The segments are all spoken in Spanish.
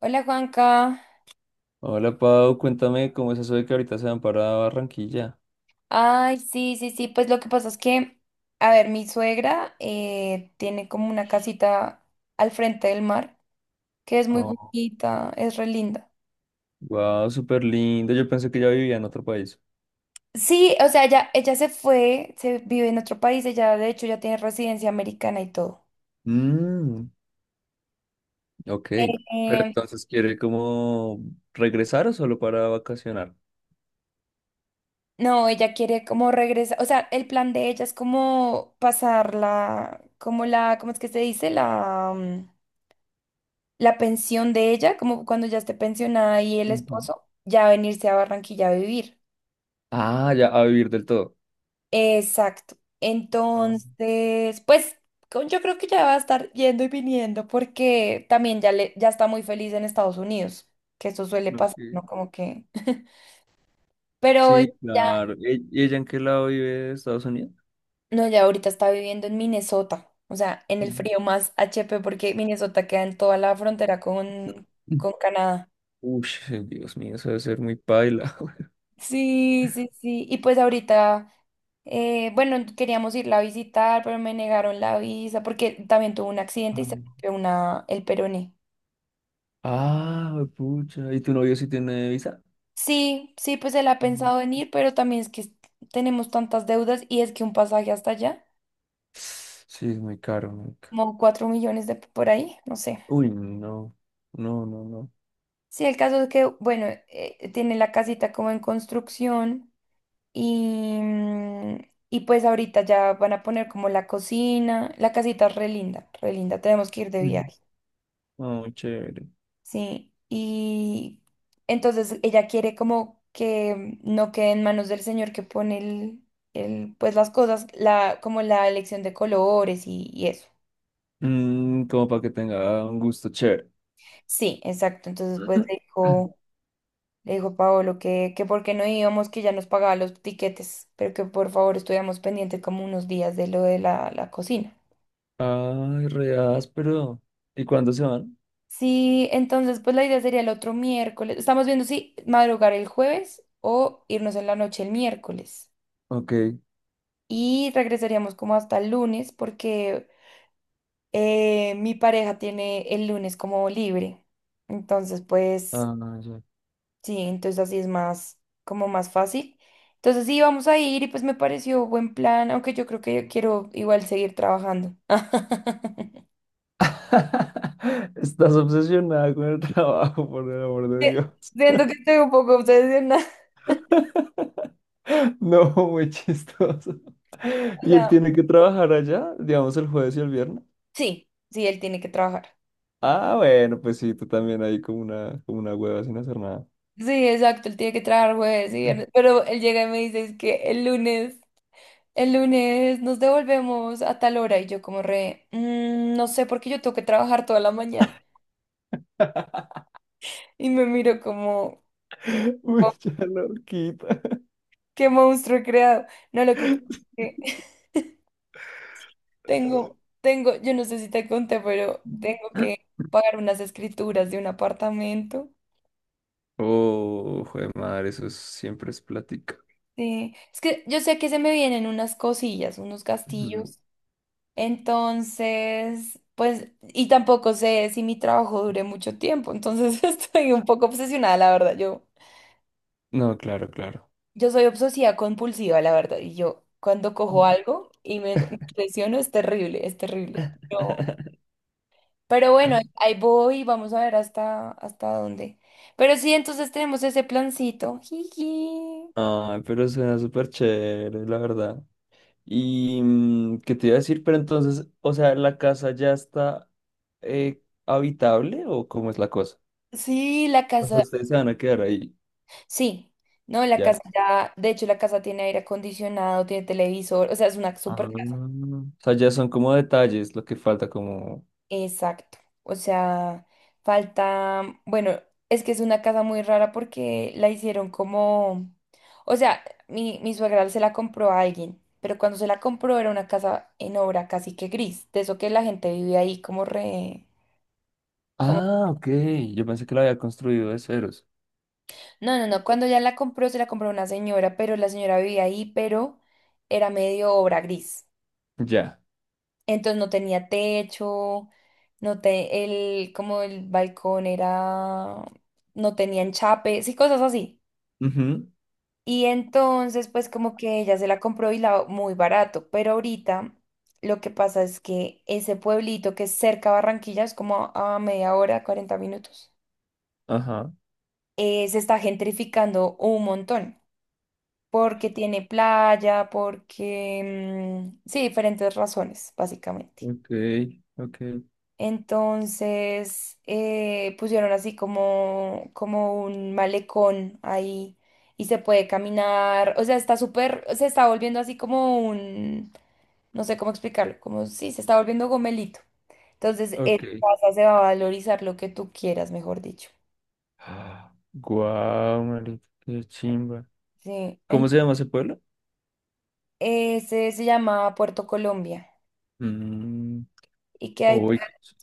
Hola Juanca. Hola Pau, cuéntame cómo es eso de que ahorita se van para Barranquilla. Ay, sí, sí, sí. Pues lo que pasa es que, a ver, mi suegra tiene como una casita al frente del mar, que es muy Oh. bonita, es re linda. Wow, súper lindo. Yo pensé que ya vivía en otro país. Sí, o sea, ella se fue, se vive en otro país, ella de hecho ya tiene residencia americana y todo. Mm, ok. Pero Eh, entonces, ¿quiere como regresar o solo para vacacionar? no, ella quiere como regresar, o sea, el plan de ella es como pasarla, como la, ¿cómo es que se dice? La pensión de ella, como cuando ya esté pensionada y el Ujú. esposo, ya venirse a Barranquilla a vivir. Ah, ya, a vivir del todo. Exacto. Ah, Entonces, pues yo creo que ya va a estar yendo y viniendo porque también ya, ya está muy feliz en Estados Unidos, que eso suele pasar, ¿no? ok. Como que... Pero Sí, ya, claro. ¿Y ella en qué lado vive de Estados Unidos? no, ya ahorita está viviendo en Minnesota, o sea, en el Mm. frío más HP porque Minnesota queda en toda la frontera con Canadá. Uy, Dios mío, eso debe ser muy paila. Sí, sí, sí. Y pues ahorita, bueno, queríamos irla a visitar, pero me negaron la visa porque también tuvo un accidente y Ah, se rompió el peroné. ah, pucha. ¿Y tu novio sí tiene visa? Sí, sí, pues él ha pensado en ir, pero también es que tenemos tantas deudas y es que un pasaje hasta allá, Sí, es muy caro, como cuatro millones de por ahí, no sé. uy, no, no. Sí, el caso es que, bueno, tiene la casita como en construcción y, mm, y pues ahorita ya van a poner como la cocina, la casita es re linda, tenemos que ir de Ujú. viaje. No, muy chévere. Sí, y entonces ella quiere como que no quede en manos del señor que pone el, pues las cosas, la, como la elección de colores y eso. Mm, como para que tenga un gusto chévere. Sí, exacto. Entonces pues le dijo, le dijo Paolo que por qué no íbamos, que ya nos pagaba los tiquetes, pero que por favor estuviéramos pendientes como unos días de lo de la cocina. Ay, re áspero. ¿Y cuándo se van? Sí, entonces pues la idea sería el otro miércoles. Estamos viendo si madrugar el jueves o irnos en la noche el miércoles. Ok. Y regresaríamos como hasta el lunes porque mi pareja tiene el lunes como libre. Entonces, pues Ah, no, ya. sí, entonces así es más, como más fácil. Entonces sí, vamos a ir y pues me pareció buen plan, aunque yo creo que yo quiero igual seguir trabajando. Estás obsesionada con el trabajo, por el amor de Sí, Dios. siento que estoy un poco obsesionada. No, muy chistoso. O ¿Y él sea, tiene que trabajar allá, digamos, el jueves y el viernes? sí, sí, él tiene que trabajar. Ah, bueno, pues sí, tú también ahí como una hueva sin hacer nada. Sí, exacto, él tiene que trabajar jueves y viernes, pero él llega y me dice es que el lunes el lunes nos devolvemos a tal hora y yo como re, "Mm, no sé porque yo tengo que trabajar toda la mañana." Y me miro como, Uy, "Oh, ya la horquita. qué monstruo he creado." No, lo que pasa es que tengo, yo no sé si te conté, pero tengo que pagar unas escrituras de un apartamento. Oh, joder, madre, siempre es plática. Sí, es que yo sé que se me vienen unas cosillas, unos Ujú. castillos. Entonces, pues, y tampoco sé si mi trabajo dure mucho tiempo. Entonces estoy un poco obsesionada, la verdad, yo. No, claro, claro. Yo soy obsesiva compulsiva, la verdad, y yo cuando cojo algo y me impresiono es terrible, es terrible. Pero bueno, ahí voy, vamos a ver hasta dónde. Pero sí, entonces tenemos ese plancito. Jiji. Ay, pero suena súper chévere, la verdad. Y mm, qué te iba a decir, pero entonces, o sea, ¿la casa ya está eh, habitable o cómo es la cosa? Sí, la O sea, casa, ustedes se van a quedar ahí, sí, no, la casa ya. ya, de hecho la casa tiene aire acondicionado, tiene televisor, o sea, es una Ah, super... o sea, ya son como detalles lo que falta, como. Exacto. O sea, falta, bueno, es que es una casa muy rara porque la hicieron como, o sea, mi suegra se la compró a alguien, pero cuando se la compró era una casa en obra casi que gris, de eso que la gente vivía ahí como re, como... Ah, ok. Yo pensé que lo había construido de ceros. No, no, no, cuando ya la compró se la compró una señora, pero la señora vivía ahí, pero era medio obra gris. Ya. Entonces no tenía techo, no te, como el balcón era, no tenía enchape, sí, cosas así. Ujú, Y entonces, pues como que ella se la compró y la muy barato, pero ahorita lo que pasa es que ese pueblito que es cerca a Barranquilla, es como a media hora, 40 minutos, ajá. Se está gentrificando un montón, porque tiene playa, porque, sí, diferentes razones, básicamente. Ok, ok, Entonces pusieron así como un malecón ahí y se puede caminar. O sea, está súper, se está volviendo así como un, no sé cómo explicarlo, como sí, se está volviendo gomelito. Entonces, ok. esa casa se va a valorizar lo que tú quieras, mejor dicho. Ah, guau, marica, qué chimba. Sí, ¿Cómo se llama ese pueblo? ese se llama Puerto Colombia Mm, y que hay... uy, qué ch-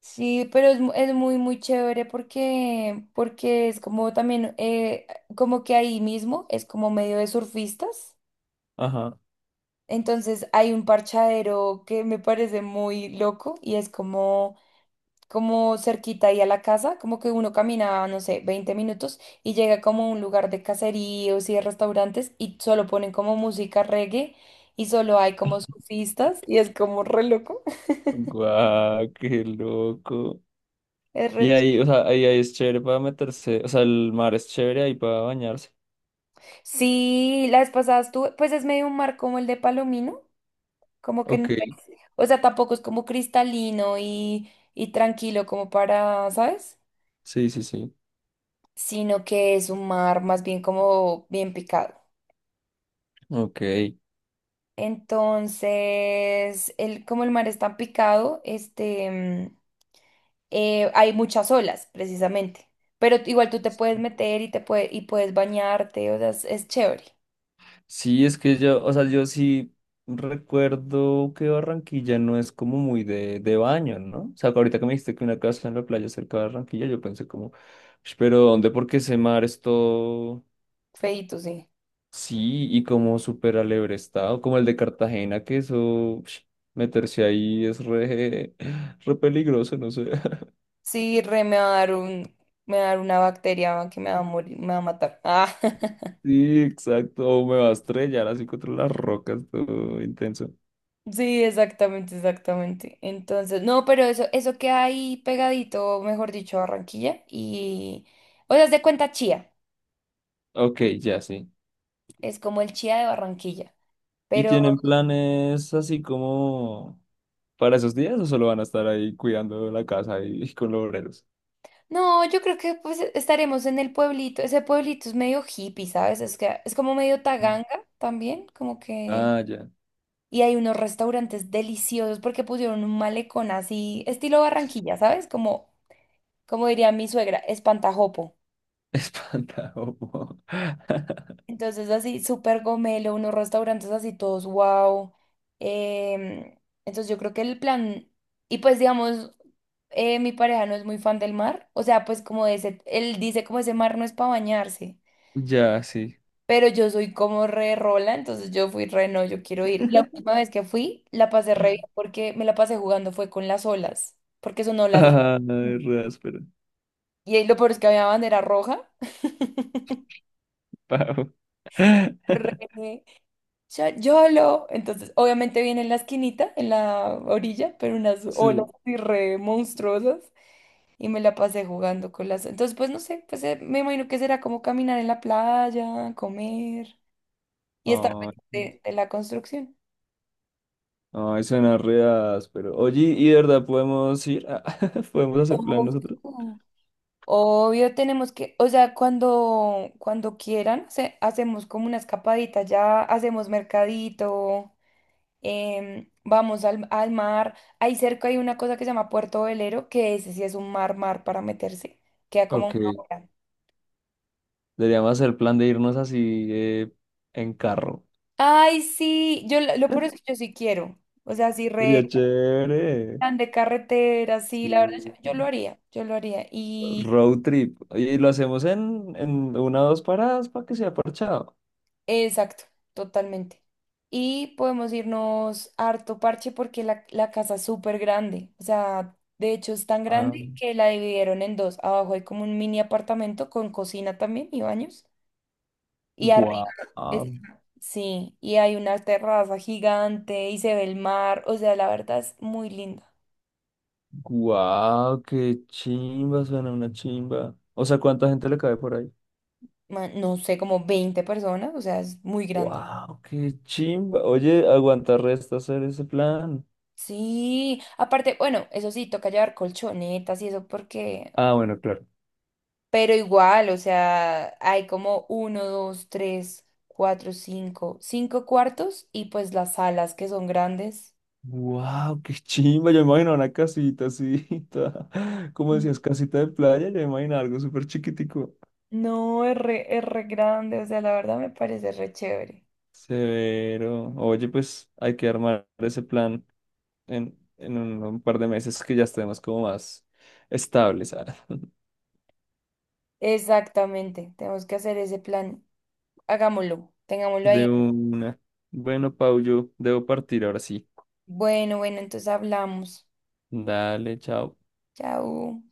Sí, pero es, es muy, muy chévere porque, porque es como también, como que ahí mismo es como medio de surfistas. ajá. Entonces hay un parchadero que me parece muy loco y es como, como cerquita ahí a la casa, como que uno camina, no sé, 20 minutos y llega como a un lugar de caseríos y de restaurantes y solo ponen como música reggae y solo hay como surfistas y es como re loco. Guau, qué loco. Es re... Y ahí, o sea, ahí es chévere para meterse. O sea, el mar es chévere ahí para bañarse. Sí, la vez pasada estuve, pues es medio un mar como el de Palomino, como que no Ok, es, o sea, tampoco es como cristalino y tranquilo como para, ¿sabes? sí, sí, sí. Sino que es un mar más bien como bien picado. Ok. Entonces, como el mar es tan picado, este, hay muchas olas, precisamente. Pero igual tú te puedes meter y y puedes bañarte, o sea, es chévere. Sí, es que yo, o sea, yo sí recuerdo que Barranquilla no es como muy de baño, ¿no? O sea, ahorita que me dijiste que una casa en la playa cerca de Barranquilla, yo pensé como, "Ush, pero ¿dónde? Porque ese mar es todo, Feíto, sí. sí, y como súper alebre estado, como el de Cartagena, que eso, ush, meterse ahí es re, re peligroso, no sé. Sí, re me va a dar un, me va a dar una bacteria que me va a morir, me va a matar. Ah, Sí, exacto, o me va a estrellar así contra las rocas, todo intenso. sí, exactamente, exactamente. Entonces, no, pero eso queda ahí pegadito, mejor dicho, a Barranquilla. Y, o sea, se cuenta chía. Ok, ya sí. Es como el chía de Barranquilla. ¿Y Pero tienen planes así como... para esos días o solo van a estar ahí cuidando la casa y con los obreros? no, yo creo que pues estaremos en el pueblito. Ese pueblito es medio hippie, ¿sabes? Es que es como medio taganga también, como que... Ah, ya. Y hay unos restaurantes deliciosos porque pusieron un malecón así, estilo Barranquilla, ¿sabes? Como diría mi suegra, espantajopo. Espantado. Po. Entonces así, súper gomelo, unos restaurantes así todos wow. Em, entonces yo creo que el plan, y pues digamos, mi pareja no es muy fan del mar, o sea, pues como de ese, él dice como ese mar no es para bañarse, Ya, sí. pero yo soy como re rola, entonces yo fui re no, yo quiero ir. La última vez que fui, la pasé re bien porque me la pasé jugando fue con las olas, porque son olas, Ay, re áspero. y ahí lo peor es que había bandera roja. Pavo. Re ya- YOLO. Entonces, obviamente viene en la esquinita, en la orilla, pero unas olas Sí. así re monstruosas. Y me la pasé jugando con las... Entonces, pues no sé, pues me imagino que será como caminar en la playa, comer y estar Ay, pues, pendiente de la construcción. ay, suena re áspero. Oye, ¿y de verdad podemos ir? ¿Podemos hacer plan Ojo. nosotros? Obvio, tenemos que, o sea, cuando quieran, hacemos como una escapadita, ya hacemos mercadito, vamos al mar. Ahí cerca hay una cosa que se llama Puerto Velero, que ese sí es un mar, mar para meterse. Queda como Ok. una hora. Deberíamos hacer plan de irnos así en carro. Ay, sí, lo peor es que yo sí quiero. O sea, sí, Sería re chévere. plan de carretera, sí, Sí. la verdad, yo lo haría, yo lo haría. Y Road trip. Y lo hacemos en una o dos paradas para que sea parchado. exacto, totalmente. Y podemos irnos harto parche porque la casa es súper grande. O sea, de hecho es tan Ah, grande que la dividieron en dos. Abajo hay como un mini apartamento con cocina también y baños. Y arriba, guau, es- sí, y hay una terraza gigante y se ve el mar. O sea, la verdad es muy linda. guau, qué chimba, suena una chimba. O sea, ¿cuánta gente le cabe por ahí? Ma- No sé, como 20 personas, o sea, es muy grande. Wow, qué chimba. Oye, aguanta resta hacer ese plan. Sí, aparte, bueno, eso sí, toca llevar colchonetas y eso porque, Ah, bueno, claro. pero igual, o sea, hay como uno, dos, tres, cuatro, cinco, cinco cuartos y pues las salas que son grandes. Wow, qué chimba. Yo me imagino una casita así, como Mm. decías, casita de playa. Yo me imagino algo súper chiquitico. No, es re grande, o sea, la verdad me parece re chévere. Severo. Oye, pues hay que armar ese plan. En un par de meses que ya estemos como más estables. Ah. Exactamente, tenemos que hacer ese plan. Hagámoslo, tengámoslo ahí. De una. Bueno, Pau, yo debo partir ahora sí. Bueno, bueno, entonces hablamos. Dale, chao. Chao.